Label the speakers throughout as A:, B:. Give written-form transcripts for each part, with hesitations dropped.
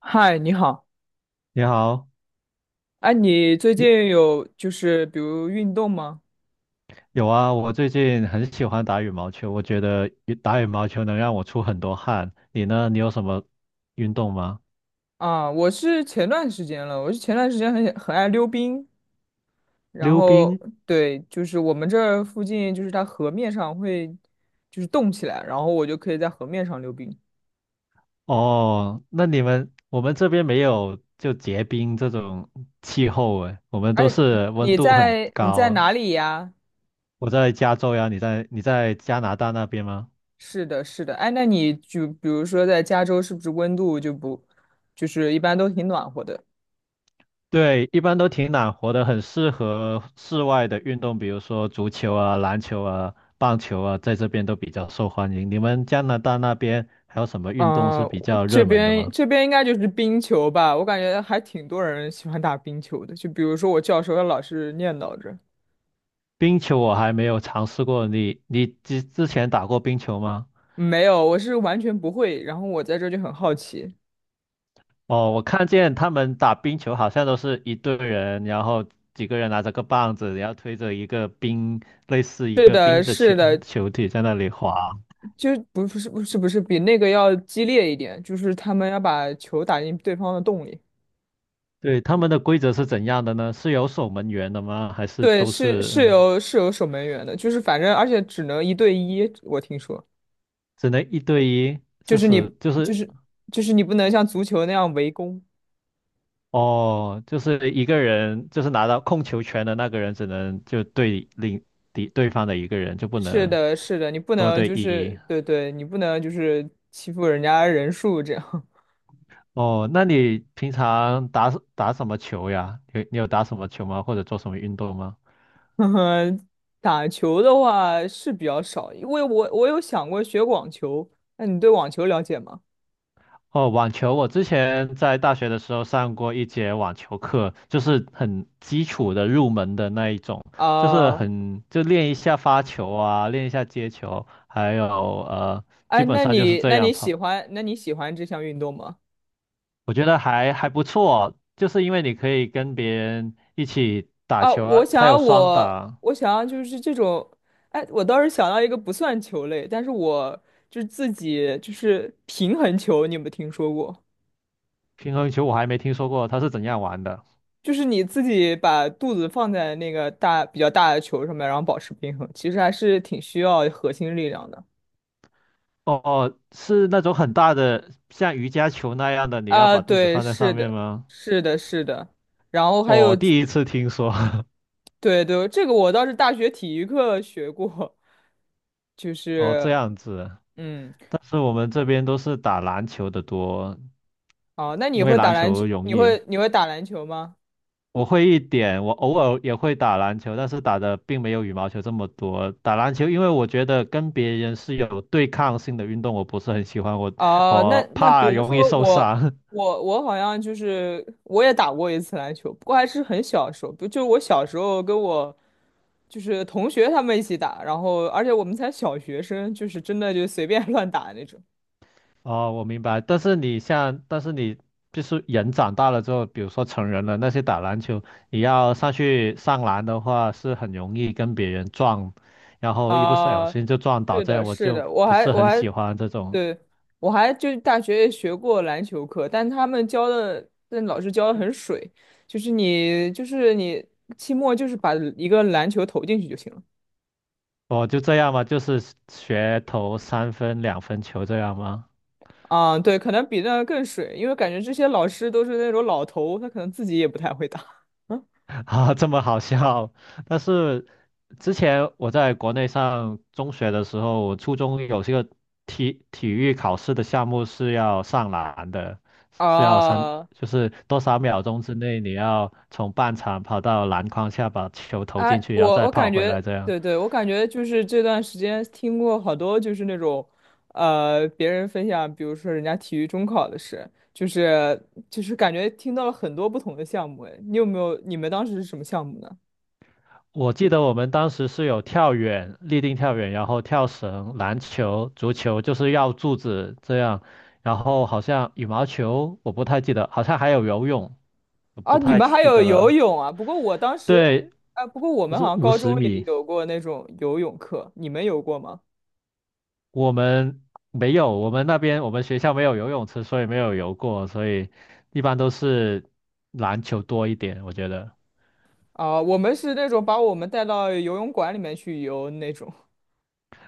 A: 嗨，你好。
B: 你好，
A: 哎，你最
B: 你
A: 近有就是比如运动吗？
B: 有啊？我最近很喜欢打羽毛球，我觉得打羽毛球能让我出很多汗。你呢？你有什么运动吗？
A: 啊，我是前段时间了，我是前段时间很爱溜冰，然
B: 溜
A: 后
B: 冰？
A: 对，就是我们这儿附近就是它河面上会就是冻起来，然后我就可以在河面上溜冰。
B: 哦，那你们我们这边没有就结冰这种气候诶，我们都
A: 哎，
B: 是温
A: 你
B: 度很
A: 在你在
B: 高。
A: 哪里呀？
B: 我在加州呀，你在你在加拿大那边吗？
A: 是的，是的。哎，那你就比如说在加州，是不是温度就不就是一般都挺暖和的？
B: 对，一般都挺暖和的，很适合室外的运动，比如说足球啊、篮球啊、棒球啊，在这边都比较受欢迎。你们加拿大那边还有什么运动是比
A: 我
B: 较
A: 这
B: 热门的
A: 边
B: 吗？
A: 这边应该就是冰球吧，我感觉还挺多人喜欢打冰球的。就比如说我教授，他老是念叨着，
B: 冰球我还没有尝试过，你之前打过冰球吗？
A: 没有，我是完全不会。然后我在这就很好奇。
B: 哦，我看见他们打冰球好像都是一队人，然后几个人拿着个棒子，然后推着一个冰，类似一
A: 是
B: 个
A: 的，
B: 冰的球
A: 是的，
B: 球体在那里滑。
A: 就不是不是不是比那个要激烈一点，就是他们要把球打进对方的洞里。
B: 对，他们的规则是怎样的呢？是有守门员的吗？还是
A: 对，
B: 都
A: 是
B: 是
A: 是有守门员的，就是反正而且只能一对一，我听说，
B: 只能一对一？就是就
A: 就
B: 是
A: 是你不能像足球那样围攻。
B: 哦，就是一个人，就是拿到控球权的那个人只能就对另敌对方的一个人，就不
A: 是
B: 能
A: 的，是的，你不
B: 多
A: 能
B: 对
A: 就
B: 一。
A: 是对对，你不能就是欺负人家人数这样。
B: 哦，那你平常打什么球呀？你有打什么球吗？或者做什么运动吗？
A: 嗯。打球的话是比较少，因为我有想过学网球。那你对网球了解吗？
B: 哦，网球，我之前在大学的时候上过一节网球课，就是很基础的入门的那一种，就是
A: 啊、
B: 很，就练一下发球啊，练一下接球，还有呃，
A: 哎，
B: 基本
A: 那
B: 上就是
A: 你
B: 这
A: 那
B: 样
A: 你
B: 跑。
A: 喜欢那你喜欢这项运动吗？
B: 我觉得还不错，就是因为你可以跟别人一起打
A: 啊，
B: 球啊，它有双打，
A: 我想要就是这种，哎，我倒是想到一个不算球类，但是我就是自己就是平衡球，你有没有听说过？
B: 平衡球我还没听说过它是怎样玩的。
A: 就是你自己把肚子放在那个大比较大的球上面，然后保持平衡，其实还是挺需要核心力量的。
B: 哦，哦是那种很大的，像瑜伽球那样的，你要
A: 啊，
B: 把肚子
A: 对，
B: 放在
A: 是
B: 上面
A: 的，
B: 吗？
A: 是的，是的。然后还
B: 哦，
A: 有，
B: 我第一次听说。
A: 对对，这个我倒是大学体育课学过，就
B: 哦，
A: 是
B: 这样子，
A: 嗯。
B: 但是我们这边都是打篮球的多，
A: 哦，那你
B: 因为
A: 会打
B: 篮
A: 篮球？
B: 球容
A: 你
B: 易。
A: 会你会打篮球吗？
B: 我会一点，我偶尔也会打篮球，但是打的并没有羽毛球这么多。打篮球，因为我觉得跟别人是有对抗性的运动，我不是很喜欢，我
A: 哦，那
B: 我
A: 那比
B: 怕
A: 如
B: 容易
A: 说
B: 受
A: 我
B: 伤。
A: 我好像就是我也打过一次篮球，不过还是很小的时候，不就我小时候跟我就是同学他们一起打，然后而且我们才小学生，就是真的就随便 乱打那种。
B: 哦，我明白。但是你就是人长大了之后，比如说成人了，那些打篮球，你要上去上篮的话，是很容易跟别人撞，然后一不小
A: 啊、
B: 心就撞倒，
A: 是
B: 这
A: 的，
B: 样我
A: 是
B: 就
A: 的，我
B: 不
A: 还
B: 是
A: 我
B: 很
A: 还
B: 喜欢这种。
A: 对，我还就是大学也学过篮球课，但他们教的，但老师教的很水，就是你期末就是把一个篮球投进去就行了。
B: 我就这样嘛，就是学投三分、两分球这样吗？
A: 对，可能比那更水，因为感觉这些老师都是那种老头，他可能自己也不太会打。
B: 啊，这么好笑。但是之前我在国内上中学的时候，我初中有这个体育考试的项目是要上篮的，是要三，
A: 啊，
B: 就是多少秒钟之内你要从半场跑到篮筐下把球投进
A: 哎，
B: 去，然后
A: 我
B: 再
A: 我
B: 跑
A: 感
B: 回
A: 觉，
B: 来这样。
A: 对对，我感觉就是这段时间听过好多就是那种，别人分享，比如说人家体育中考的事，就是感觉听到了很多不同的项目。哎，你有没有？你们当时是什么项目呢？
B: 我记得我们当时是有跳远、立定跳远，然后跳绳、篮球、足球，就是绕柱子这样。然后好像羽毛球，我不太记得，好像还有游泳，我
A: 啊，
B: 不
A: 你
B: 太
A: 们还
B: 记
A: 有
B: 得
A: 游
B: 了。
A: 泳啊？不过我当时，
B: 对，
A: 啊，不过我
B: 就
A: 们好
B: 是
A: 像
B: 五
A: 高
B: 十
A: 中也
B: 米。
A: 有过那种游泳课，你们有过吗？
B: 我们没有，我们那边我们学校没有游泳池，所以没有游过，所以一般都是篮球多一点，我觉得。
A: 啊，我们是那种把我们带到游泳馆里面去游那种。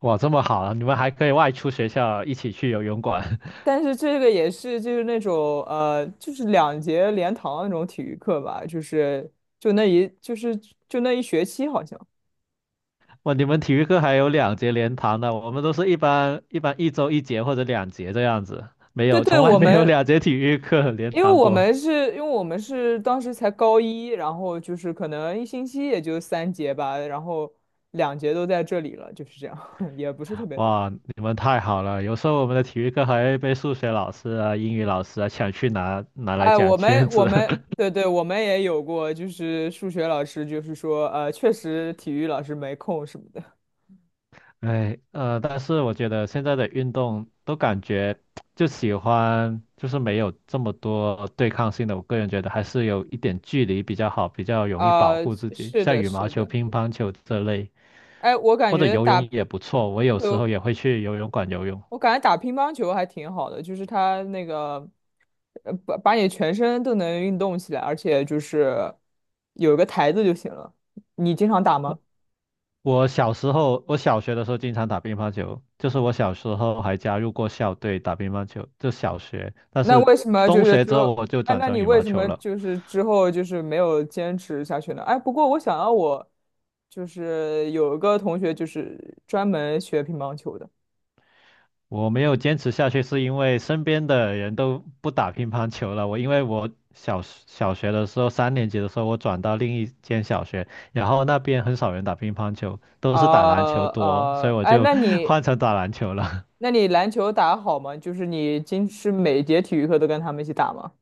B: 哇，这么好啊！你们还可以外出学校一起去游泳馆。
A: 但是这个也是就是那种就是两节连堂那种体育课吧，就那一就是就那一学期好像。
B: 哇，你们体育课还有两节连堂的，我们都是一般一周一节或者两节这样子，没
A: 对
B: 有，
A: 对，
B: 从来
A: 我
B: 没有
A: 们
B: 两节体育课连
A: 因为
B: 堂
A: 我
B: 过。
A: 们是因为我们是当时才高一，然后就是可能一星期也就三节吧，然后两节都在这里了，就是这样，也不是特别多。
B: 哇，你们太好了！有时候我们的体育课还被数学老师啊、英语老师啊抢去拿来
A: 哎，
B: 讲
A: 我
B: 圈
A: 们我
B: 子。
A: 们 对对，我们也有过，就是数学老师就是说确实体育老师没空什么的。
B: 哎，但是我觉得现在的运动都感觉就喜欢，就是没有这么多对抗性的。我个人觉得还是有一点距离比较好，比较容易保
A: 呃，
B: 护自己，
A: 是
B: 像
A: 的，
B: 羽毛
A: 是
B: 球、
A: 的。
B: 乒乓球这类。
A: 哎，
B: 或者游泳也不错，我有时
A: 球，
B: 候也会去游泳馆游泳。
A: 我感觉打乒乓球还挺好的，就是它那个把你全身都能运动起来，而且就是有一个台子就行了。你经常打吗？
B: 我小时候，我小学的时候经常打乒乓球，就是我小时候还加入过校队打乒乓球，就小学。但
A: 那
B: 是
A: 为什么就
B: 中
A: 是
B: 学
A: 之
B: 之
A: 后，
B: 后我就
A: 哎，
B: 转
A: 那
B: 成
A: 你
B: 羽
A: 为
B: 毛
A: 什
B: 球
A: 么
B: 了。
A: 就是之后就是没有坚持下去呢？哎，不过我想要我就是有一个同学就是专门学乒乓球的，
B: 我没有坚持下去，是因为身边的人都不打乒乓球了。我因为我小学的时候，三年级的时候，我转到另一间小学，然后那边很少人打乒乓球，都是打篮球多，所以我
A: 哎，
B: 就
A: 那 你
B: 换成打篮球了。
A: 那你篮球打得好吗？就是你今是每节体育课都跟他们一起打吗？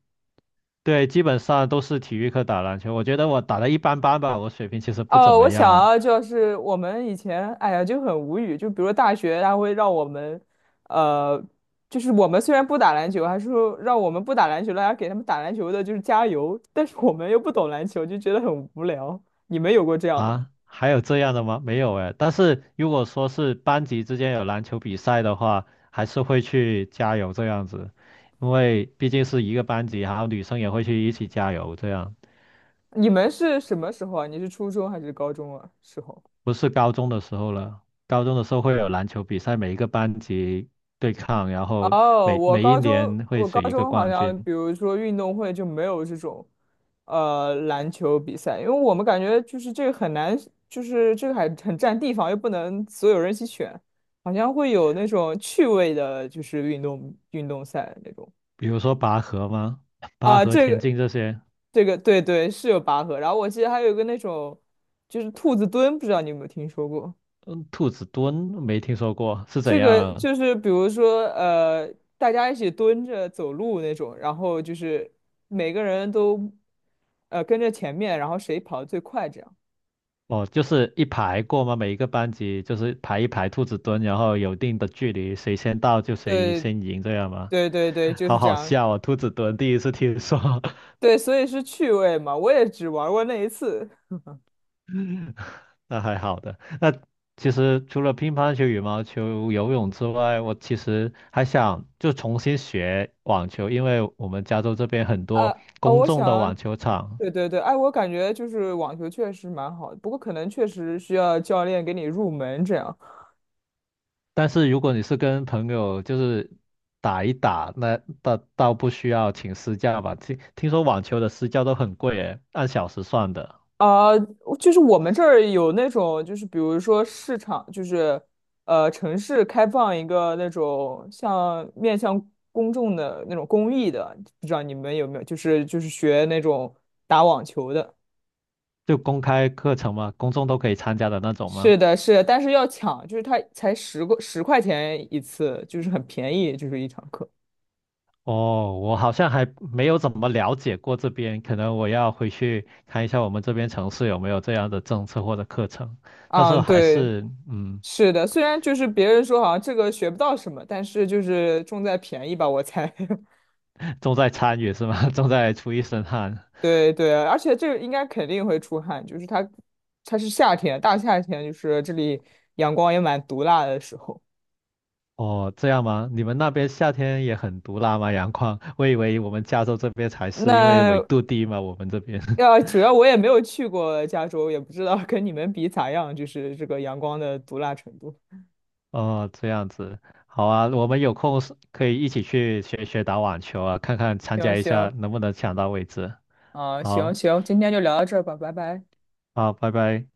B: 对，基本上都是体育课打篮球。我觉得我打的一般般吧，我水平其实不怎
A: 哦，
B: 么
A: 我想
B: 样
A: 啊，就是我们以前，哎呀，就很无语。就比如大学，他会让我们，呃，就是我们虽然不打篮球，还是说让我们不打篮球，大家给他们打篮球的，就是加油。但是我们又不懂篮球，就觉得很无聊。你们有过这样的吗？
B: 啊。还有这样的吗？没有哎。但是如果说是班级之间有篮球比赛的话，还是会去加油这样子，因为毕竟是一个班级，然后女生也会去一起加油这样。
A: 你们是什么时候啊？你是初中还是高中啊？时候？
B: 不是高中的时候了，高中的时候会有篮球比赛，每一个班级对抗，然后
A: 哦，
B: 每
A: 我
B: 每一
A: 高中
B: 年会
A: 我高
B: 选一个
A: 中好
B: 冠
A: 像，
B: 军，
A: 比如说运动会就没有这种，呃，篮球比赛，因为我们感觉就是这个很难，就是这个还很占地方，又不能所有人一起选，好像会有那种趣味的，就是运动赛那种。
B: 比如说拔河吗？拔
A: 啊，
B: 河、
A: 这
B: 田
A: 个
B: 径这些。
A: 这个对对是有拔河，然后我记得还有一个那种就是兔子蹲，不知道你有没有听说过？
B: 兔子蹲没听说过，是怎
A: 这个
B: 样？
A: 就是比如说，大家一起蹲着走路那种，然后就是每个人都，跟着前面，然后谁跑得最快，这样。
B: 哦，就是一排过吗？每一个班级就是排一排兔子蹲，然后有一定的距离，谁先到就谁
A: 对
B: 先赢，这样吗？
A: 对对对，就是
B: 好
A: 这
B: 好
A: 样。
B: 笑啊、兔子蹲第一次听说，
A: 对，所以是趣味嘛，我也只玩过那一次。
B: 那还好的。那其实除了乒乓球、羽毛球、游泳之外，我其实还想就重新学网球，因为我们加州这边很
A: 啊，
B: 多
A: 啊，
B: 公
A: 我
B: 众的
A: 想，
B: 网球场，
A: 对对对，哎，我感觉就是网球确实蛮好的，不过可能确实需要教练给你入门这样。
B: 但是如果你是跟朋友就是打一打，那倒不需要请私教吧？听说网球的私教都很贵诶，按小时算的，
A: 啊，就是我们这儿有那种，就是比如说市场，就是呃，城市开放一个那种像面向公众的那种公益的，不知道你们有没有？学那种打网球的，
B: 就公开课程吗？公众都可以参加的那种
A: 是
B: 吗？
A: 的，是的，但是要抢，就是他才十个十块钱一次，就是很便宜，就是一堂课。
B: 哦，我好像还没有怎么了解过这边，可能我要回去看一下我们这边城市有没有这样的政策或者课程。但是
A: 嗯，
B: 还
A: 对，
B: 是
A: 是的，虽然就是别人说好像这个学不到什么，但是就是重在便宜吧，我猜。
B: 重在参与是吗？重在出一身汗。
A: 对对，而且这个应该肯定会出汗，就是它，它是夏天，大夏天，就是这里阳光也蛮毒辣的时候。
B: 哦，这样吗？你们那边夏天也很毒辣吗？阳光？我以为我们加州这边才是，因为纬
A: 那，
B: 度低嘛，我们这边。
A: 要主要我也没有去过加州，也不知道跟你们比咋样，就是这个阳光的毒辣程度。
B: 哦，这样子，好啊，我们有空是可以一起去学学打网球啊，看看参
A: 行
B: 加一下
A: 行，
B: 能不能抢到位置。
A: 行
B: 好，
A: 行，今天就聊到这儿吧，拜拜。
B: 好，拜拜。